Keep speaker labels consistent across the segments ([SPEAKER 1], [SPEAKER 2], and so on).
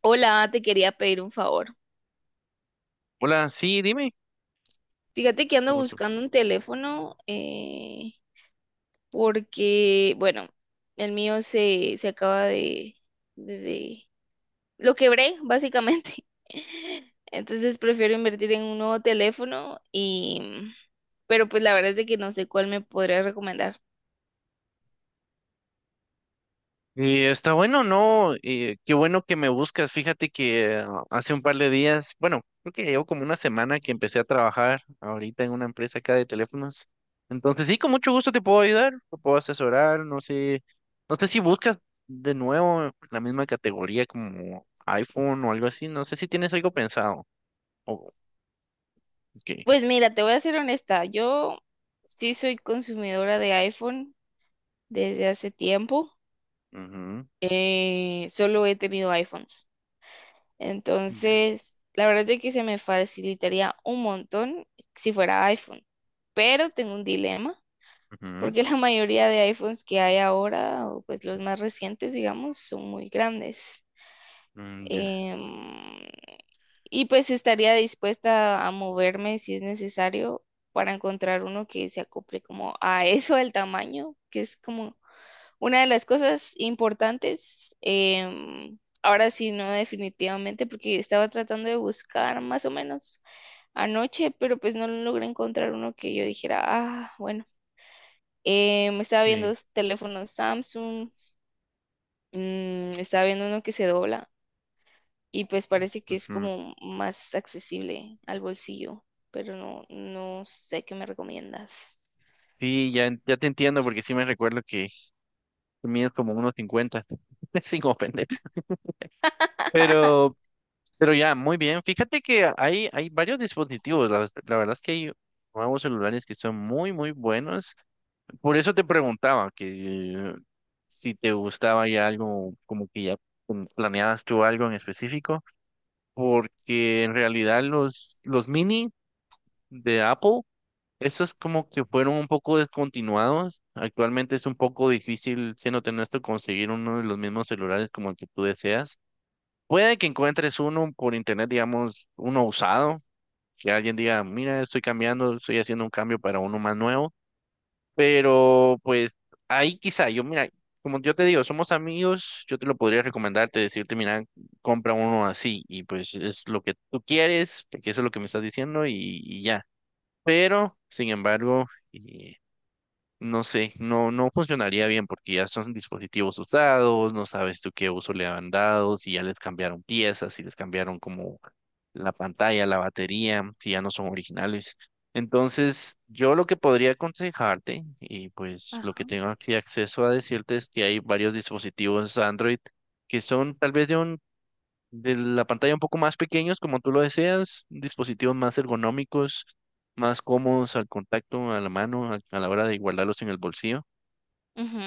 [SPEAKER 1] Hola, te quería pedir un favor.
[SPEAKER 2] Hola, sí, dime.
[SPEAKER 1] Fíjate que
[SPEAKER 2] Con
[SPEAKER 1] ando
[SPEAKER 2] gusto.
[SPEAKER 1] buscando un teléfono porque, bueno, el mío se acaba de, de... de- Lo quebré, básicamente. Entonces prefiero invertir en un nuevo teléfono y... Pero pues la verdad es de que no sé cuál me podría recomendar.
[SPEAKER 2] Está bueno, ¿no? Qué bueno que me buscas. Fíjate que hace un par de días, bueno, creo que llevo como una semana que empecé a trabajar ahorita en una empresa acá de teléfonos. Entonces, sí, con mucho gusto te puedo ayudar, te puedo asesorar, no sé, no sé si buscas de nuevo la misma categoría como iPhone o algo así, no sé si tienes algo pensado. Oh, ok.
[SPEAKER 1] Pues mira, te voy a ser honesta. Yo sí soy consumidora de iPhone desde hace tiempo.
[SPEAKER 2] Ujú.
[SPEAKER 1] Solo he tenido iPhones.
[SPEAKER 2] Ya.
[SPEAKER 1] Entonces, la verdad es que se me facilitaría un montón si fuera iPhone. Pero tengo un dilema,
[SPEAKER 2] Ujú.
[SPEAKER 1] porque la mayoría de iPhones que hay ahora, o pues los más recientes, digamos, son muy grandes.
[SPEAKER 2] Mm, ya.
[SPEAKER 1] Em, y pues estaría dispuesta a moverme si es necesario para encontrar uno que se acople como a eso, el tamaño, que es como una de las cosas importantes, ahora sí, no definitivamente, porque estaba tratando de buscar más o menos anoche, pero pues no logré encontrar uno que yo dijera, ah, bueno. Me estaba viendo
[SPEAKER 2] Sí.
[SPEAKER 1] teléfonos Samsung, mm, estaba viendo uno que se dobla y pues parece que es
[SPEAKER 2] Ujú.
[SPEAKER 1] como más accesible al bolsillo, pero no sé qué me recomiendas.
[SPEAKER 2] Sí, ya, ya te entiendo porque sí me recuerdo que tú mides como unos 50, sin ofender. Pero, pero ya, muy bien. Fíjate que hay varios dispositivos. La verdad es que hay nuevos celulares que son muy, muy buenos. Por eso te preguntaba que si te gustaba ya algo, como que ya planeabas tú algo en específico, porque en realidad los mini de Apple, estos como que fueron un poco descontinuados. Actualmente es un poco difícil, siéndote honesto, conseguir uno de los mismos celulares como el que tú deseas. Puede que encuentres uno por internet, digamos, uno usado, que alguien diga, mira, estoy cambiando, estoy haciendo un cambio para uno más nuevo, pero pues ahí quizá, yo mira, como yo te digo, somos amigos, yo te lo podría recomendarte, decirte, mira, compra uno así y pues es lo que tú quieres, porque eso es lo que me estás diciendo y ya. Pero, sin embargo, eh, no sé, no, no funcionaría bien porque ya son dispositivos usados, no sabes tú qué uso le han dado, si ya les cambiaron piezas, si les cambiaron como la pantalla, la batería, si ya no son originales. Entonces, yo lo que podría aconsejarte, y pues lo que
[SPEAKER 1] Ajá.
[SPEAKER 2] tengo aquí acceso a decirte es que hay varios dispositivos Android que son tal vez de la pantalla un poco más pequeños, como tú lo deseas, dispositivos más ergonómicos, más cómodos al contacto, a la mano, a la hora de guardarlos en el bolsillo.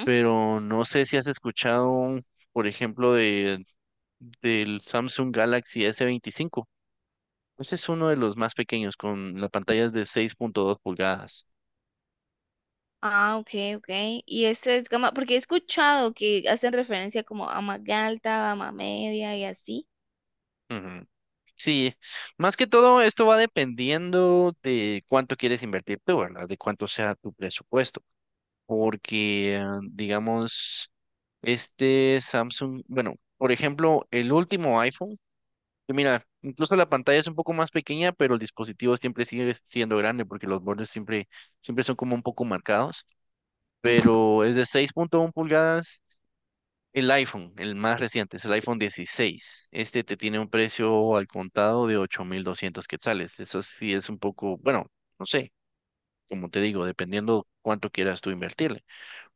[SPEAKER 2] Pero no sé si has escuchado, por ejemplo, del Samsung Galaxy s veinticinco. Ese es uno de los más pequeños, con las pantallas de 6,2 pulgadas.
[SPEAKER 1] Ah, ok, ok. Y este es gama, porque he escuchado que hacen referencia como a Magalta, a media y así.
[SPEAKER 2] Ujú. Sí, más que todo esto va dependiendo de cuánto quieres invertir tú, ¿verdad? De cuánto sea tu presupuesto. Porque, digamos, este Samsung, bueno, por ejemplo, el último iPhone, que mira, incluso la pantalla es un poco más pequeña, pero el dispositivo siempre sigue siendo grande porque los bordes siempre son como un poco marcados,
[SPEAKER 1] Ujú.
[SPEAKER 2] pero es de 6,1 pulgadas. El iPhone, el más reciente, es el iPhone dieciséis. Este te tiene un precio al contado de 8.200 quetzales. Eso sí es un poco, bueno, no sé, como te digo, dependiendo cuánto quieras tú invertirle.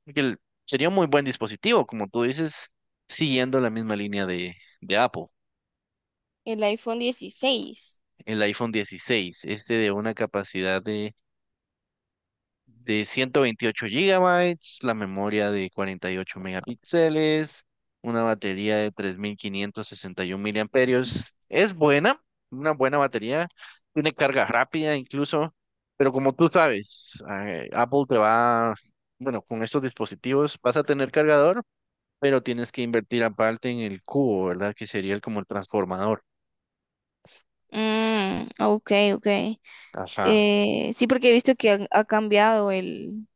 [SPEAKER 2] Porque el- Sería un muy buen dispositivo, como tú dices, siguiendo la misma línea de Apple,
[SPEAKER 1] El iPhone 16.
[SPEAKER 2] el iPhone 16, este de una capacidad de 128 gigabytes, la memoria de 48 megapíxeles, una batería de 3561 miliamperios. Es buena, una buena batería, tiene carga rápida incluso, pero como tú sabes, Apple te va, bueno, con estos dispositivos vas a tener cargador pero tienes que invertir aparte en el cubo, ¿verdad? Que sería como el transformador.
[SPEAKER 1] Mm, ok, ok.
[SPEAKER 2] Ajá,
[SPEAKER 1] Sí, porque he visto que cambiado el,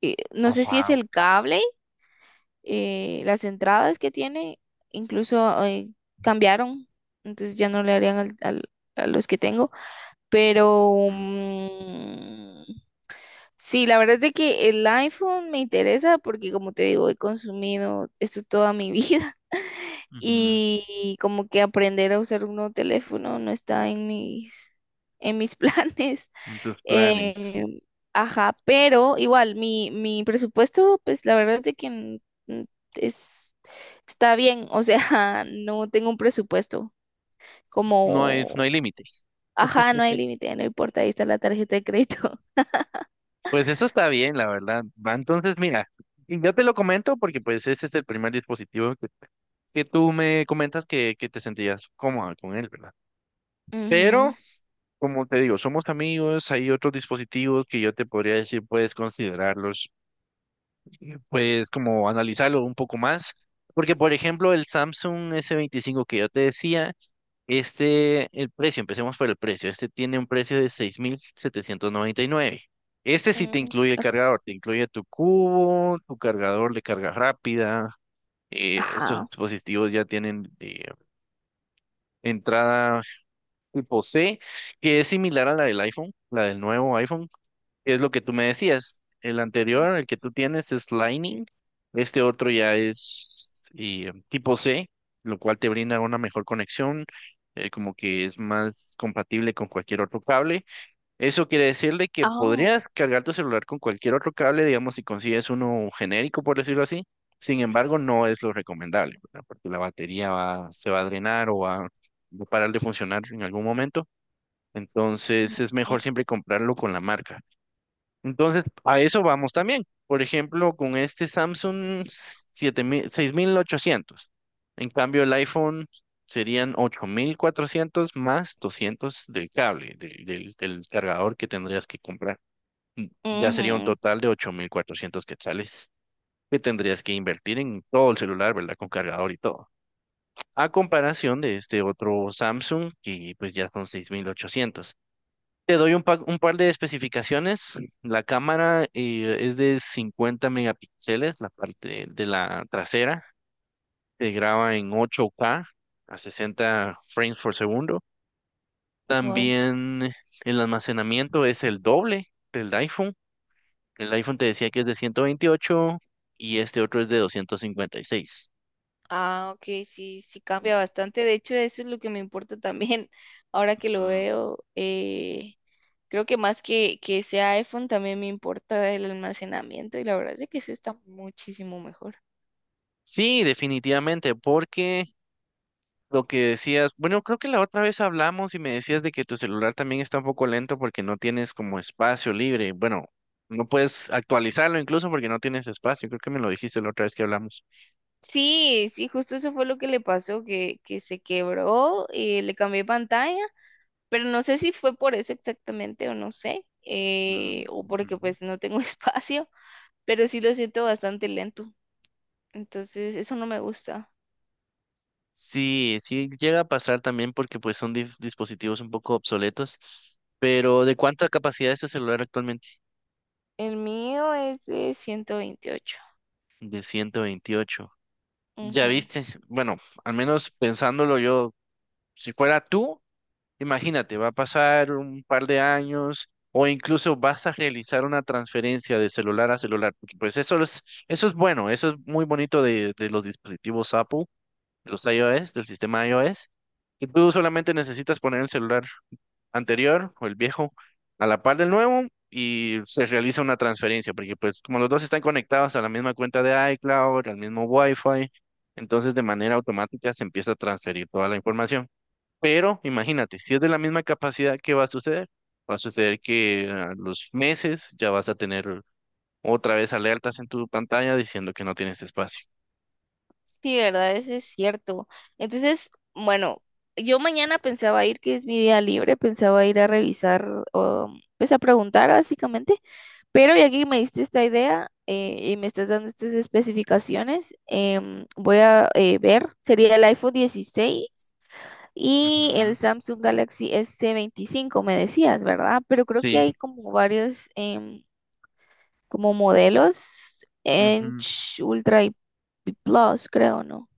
[SPEAKER 1] no sé si es
[SPEAKER 2] ajá.
[SPEAKER 1] el cable, las entradas que tiene, incluso cambiaron, entonces ya no le harían a los que tengo, pero
[SPEAKER 2] Mm.
[SPEAKER 1] mm. Sí, la verdad es de que el iPhone me interesa porque como te digo, he consumido esto toda mi vida
[SPEAKER 2] Ujú.
[SPEAKER 1] y como que aprender a usar un nuevo teléfono no está en mis planes.
[SPEAKER 2] En tus planes.
[SPEAKER 1] Eh, ajá, pero igual mi presupuesto, pues la verdad es de que n- es, está bien, o sea, no tengo un presupuesto
[SPEAKER 2] No hay, no
[SPEAKER 1] como...
[SPEAKER 2] hay límite.
[SPEAKER 1] Ajá, no hay límite, no importa, ahí está la tarjeta de crédito.
[SPEAKER 2] Pues eso está bien, la verdad. Va, entonces, mira, y yo te lo comento porque pues ese es el primer dispositivo que tú me comentas que te sentías cómoda con él, ¿verdad? Pero,
[SPEAKER 1] Ujú,
[SPEAKER 2] como te digo, somos amigos, hay otros dispositivos que yo te podría decir, puedes considerarlos pues como analizarlo un poco más, porque por ejemplo el Samsung s veinticinco que yo te decía, este, el precio, empecemos por el precio, este tiene un precio de 6.799. Este sí te
[SPEAKER 1] mm,
[SPEAKER 2] incluye el
[SPEAKER 1] ok.
[SPEAKER 2] cargador, te incluye tu cubo, tu cargador de carga rápida. Estos
[SPEAKER 1] Ajá.
[SPEAKER 2] dispositivos ya tienen entrada tipo C, que es similar a la del iPhone, la del nuevo iPhone, es lo que tú me decías. El anterior, el que tú tienes, es Lightning. Este otro ya es tipo C, lo cual te brinda una mejor conexión, como que es más compatible con cualquier otro cable. Eso quiere decir de que
[SPEAKER 1] Oh.
[SPEAKER 2] podrías cargar tu celular con cualquier otro cable, digamos, si consigues uno genérico, por decirlo así. Sin embargo, no es lo recomendable, ¿verdad? Porque la batería va, se va a drenar o va va a parar de funcionar en algún momento. Entonces, es
[SPEAKER 1] Ujú.
[SPEAKER 2] mejor siempre comprarlo con la marca. Entonces, a eso vamos también. Por ejemplo, con este Samsung siete mil 6.800. En cambio, el iPhone serían 8.400 más 200 del cable, del cargador que tendrías que comprar. Y ya sería un total de 8400 quetzales que tendrías que invertir en todo el celular, ¿verdad? Con cargador y todo. A comparación de este otro Samsung, que pues ya son 6.800. Te doy un par de especificaciones. La cámara es de 50 megapíxeles, la parte de la trasera. Se graba en 8K a 60 frames por segundo.
[SPEAKER 1] Wow.
[SPEAKER 2] También el almacenamiento es el doble del iPhone. El iPhone te decía que es de 128 y este otro es de 256.
[SPEAKER 1] Ah, ok, sí, sí cambia
[SPEAKER 2] Ujú.
[SPEAKER 1] bastante. De hecho, eso es lo que me importa también. Ahora que lo
[SPEAKER 2] Mm.
[SPEAKER 1] veo, creo que más que sea iPhone, también me importa el almacenamiento y la verdad es que ese está muchísimo mejor.
[SPEAKER 2] Sí, definitivamente, porque lo que decías, bueno, creo que la otra vez hablamos y me decías de que tu celular también está un poco lento porque no tienes como espacio libre. Bueno, no puedes actualizarlo incluso porque no tienes espacio. Creo que me lo dijiste la otra vez que hablamos.
[SPEAKER 1] Sí, sí, justo eso fue lo que le pasó, que se quebró y le cambié pantalla, pero no sé si fue por eso exactamente o no sé, o porque pues no tengo espacio, pero sí lo siento bastante lento. Entonces, eso no me gusta.
[SPEAKER 2] Sí, sí llega a pasar también porque pues son dispositivos un poco obsoletos. Pero ¿de cuánta capacidad es tu celular actualmente?
[SPEAKER 1] El mío es de 128.
[SPEAKER 2] De ciento veintiocho. Ya
[SPEAKER 1] Ujú.
[SPEAKER 2] viste, bueno, al menos pensándolo yo, si fuera tú. Imagínate, va a pasar un par de años o incluso vas a realizar una transferencia de celular a celular, porque pues eso es bueno, eso es muy bonito de los dispositivos Apple, de los iOS, del sistema iOS, que tú solamente necesitas poner el celular anterior o el viejo a la par del nuevo y se realiza una transferencia, porque pues como los dos están conectados a la misma cuenta de iCloud, al mismo Wi-Fi, entonces de manera automática se empieza a transferir toda la información. Pero imagínate, si es de la misma capacidad, ¿qué va a suceder? Va a suceder que a los meses ya vas a tener otra vez alertas en tu pantalla diciendo que no tienes espacio.
[SPEAKER 1] Sí, ¿verdad? Eso es cierto. Entonces, bueno, yo mañana pensaba ir, que es mi día libre, pensaba ir a revisar, o, pues a preguntar básicamente, pero ya que me diste esta idea y me estás dando estas especificaciones, voy a ver, sería el iPhone 16 y el
[SPEAKER 2] Ujú.
[SPEAKER 1] Samsung Galaxy S25 me decías, ¿verdad? Pero creo que
[SPEAKER 2] Sí.
[SPEAKER 1] hay como varios... como modelos en
[SPEAKER 2] Ujú.
[SPEAKER 1] Ultra y Plus, creo, ¿no?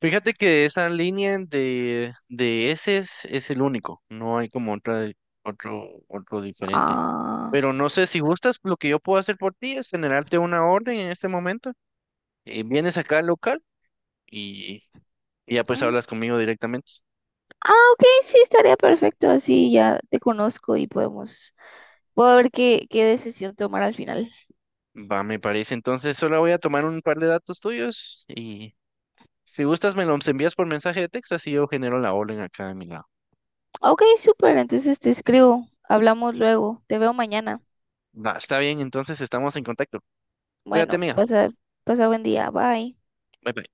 [SPEAKER 2] Fíjate que de esa línea de ese es el único. No hay como otra, otro diferente.
[SPEAKER 1] Ah,
[SPEAKER 2] Pero no sé si gustas, lo que yo puedo hacer por ti es generarte una orden en este momento. Vienes acá al local y, y ya pues
[SPEAKER 1] mm,
[SPEAKER 2] hablas conmigo directamente.
[SPEAKER 1] ah, ok, sí, estaría perfecto. Así ya te conozco y podemos, puedo ver qué, qué decisión tomar al final.
[SPEAKER 2] Va, me parece. Entonces solo voy a tomar un par de datos tuyos y si gustas me los envías por mensaje de texto, así yo genero la orden acá de mi lado.
[SPEAKER 1] Ok, súper, entonces te escribo. Hablamos luego. Te veo mañana.
[SPEAKER 2] Va, está bien, entonces estamos en contacto. Cuídate,
[SPEAKER 1] Bueno,
[SPEAKER 2] mía.
[SPEAKER 1] pasa, pasa buen día. Bye.
[SPEAKER 2] Bye bye.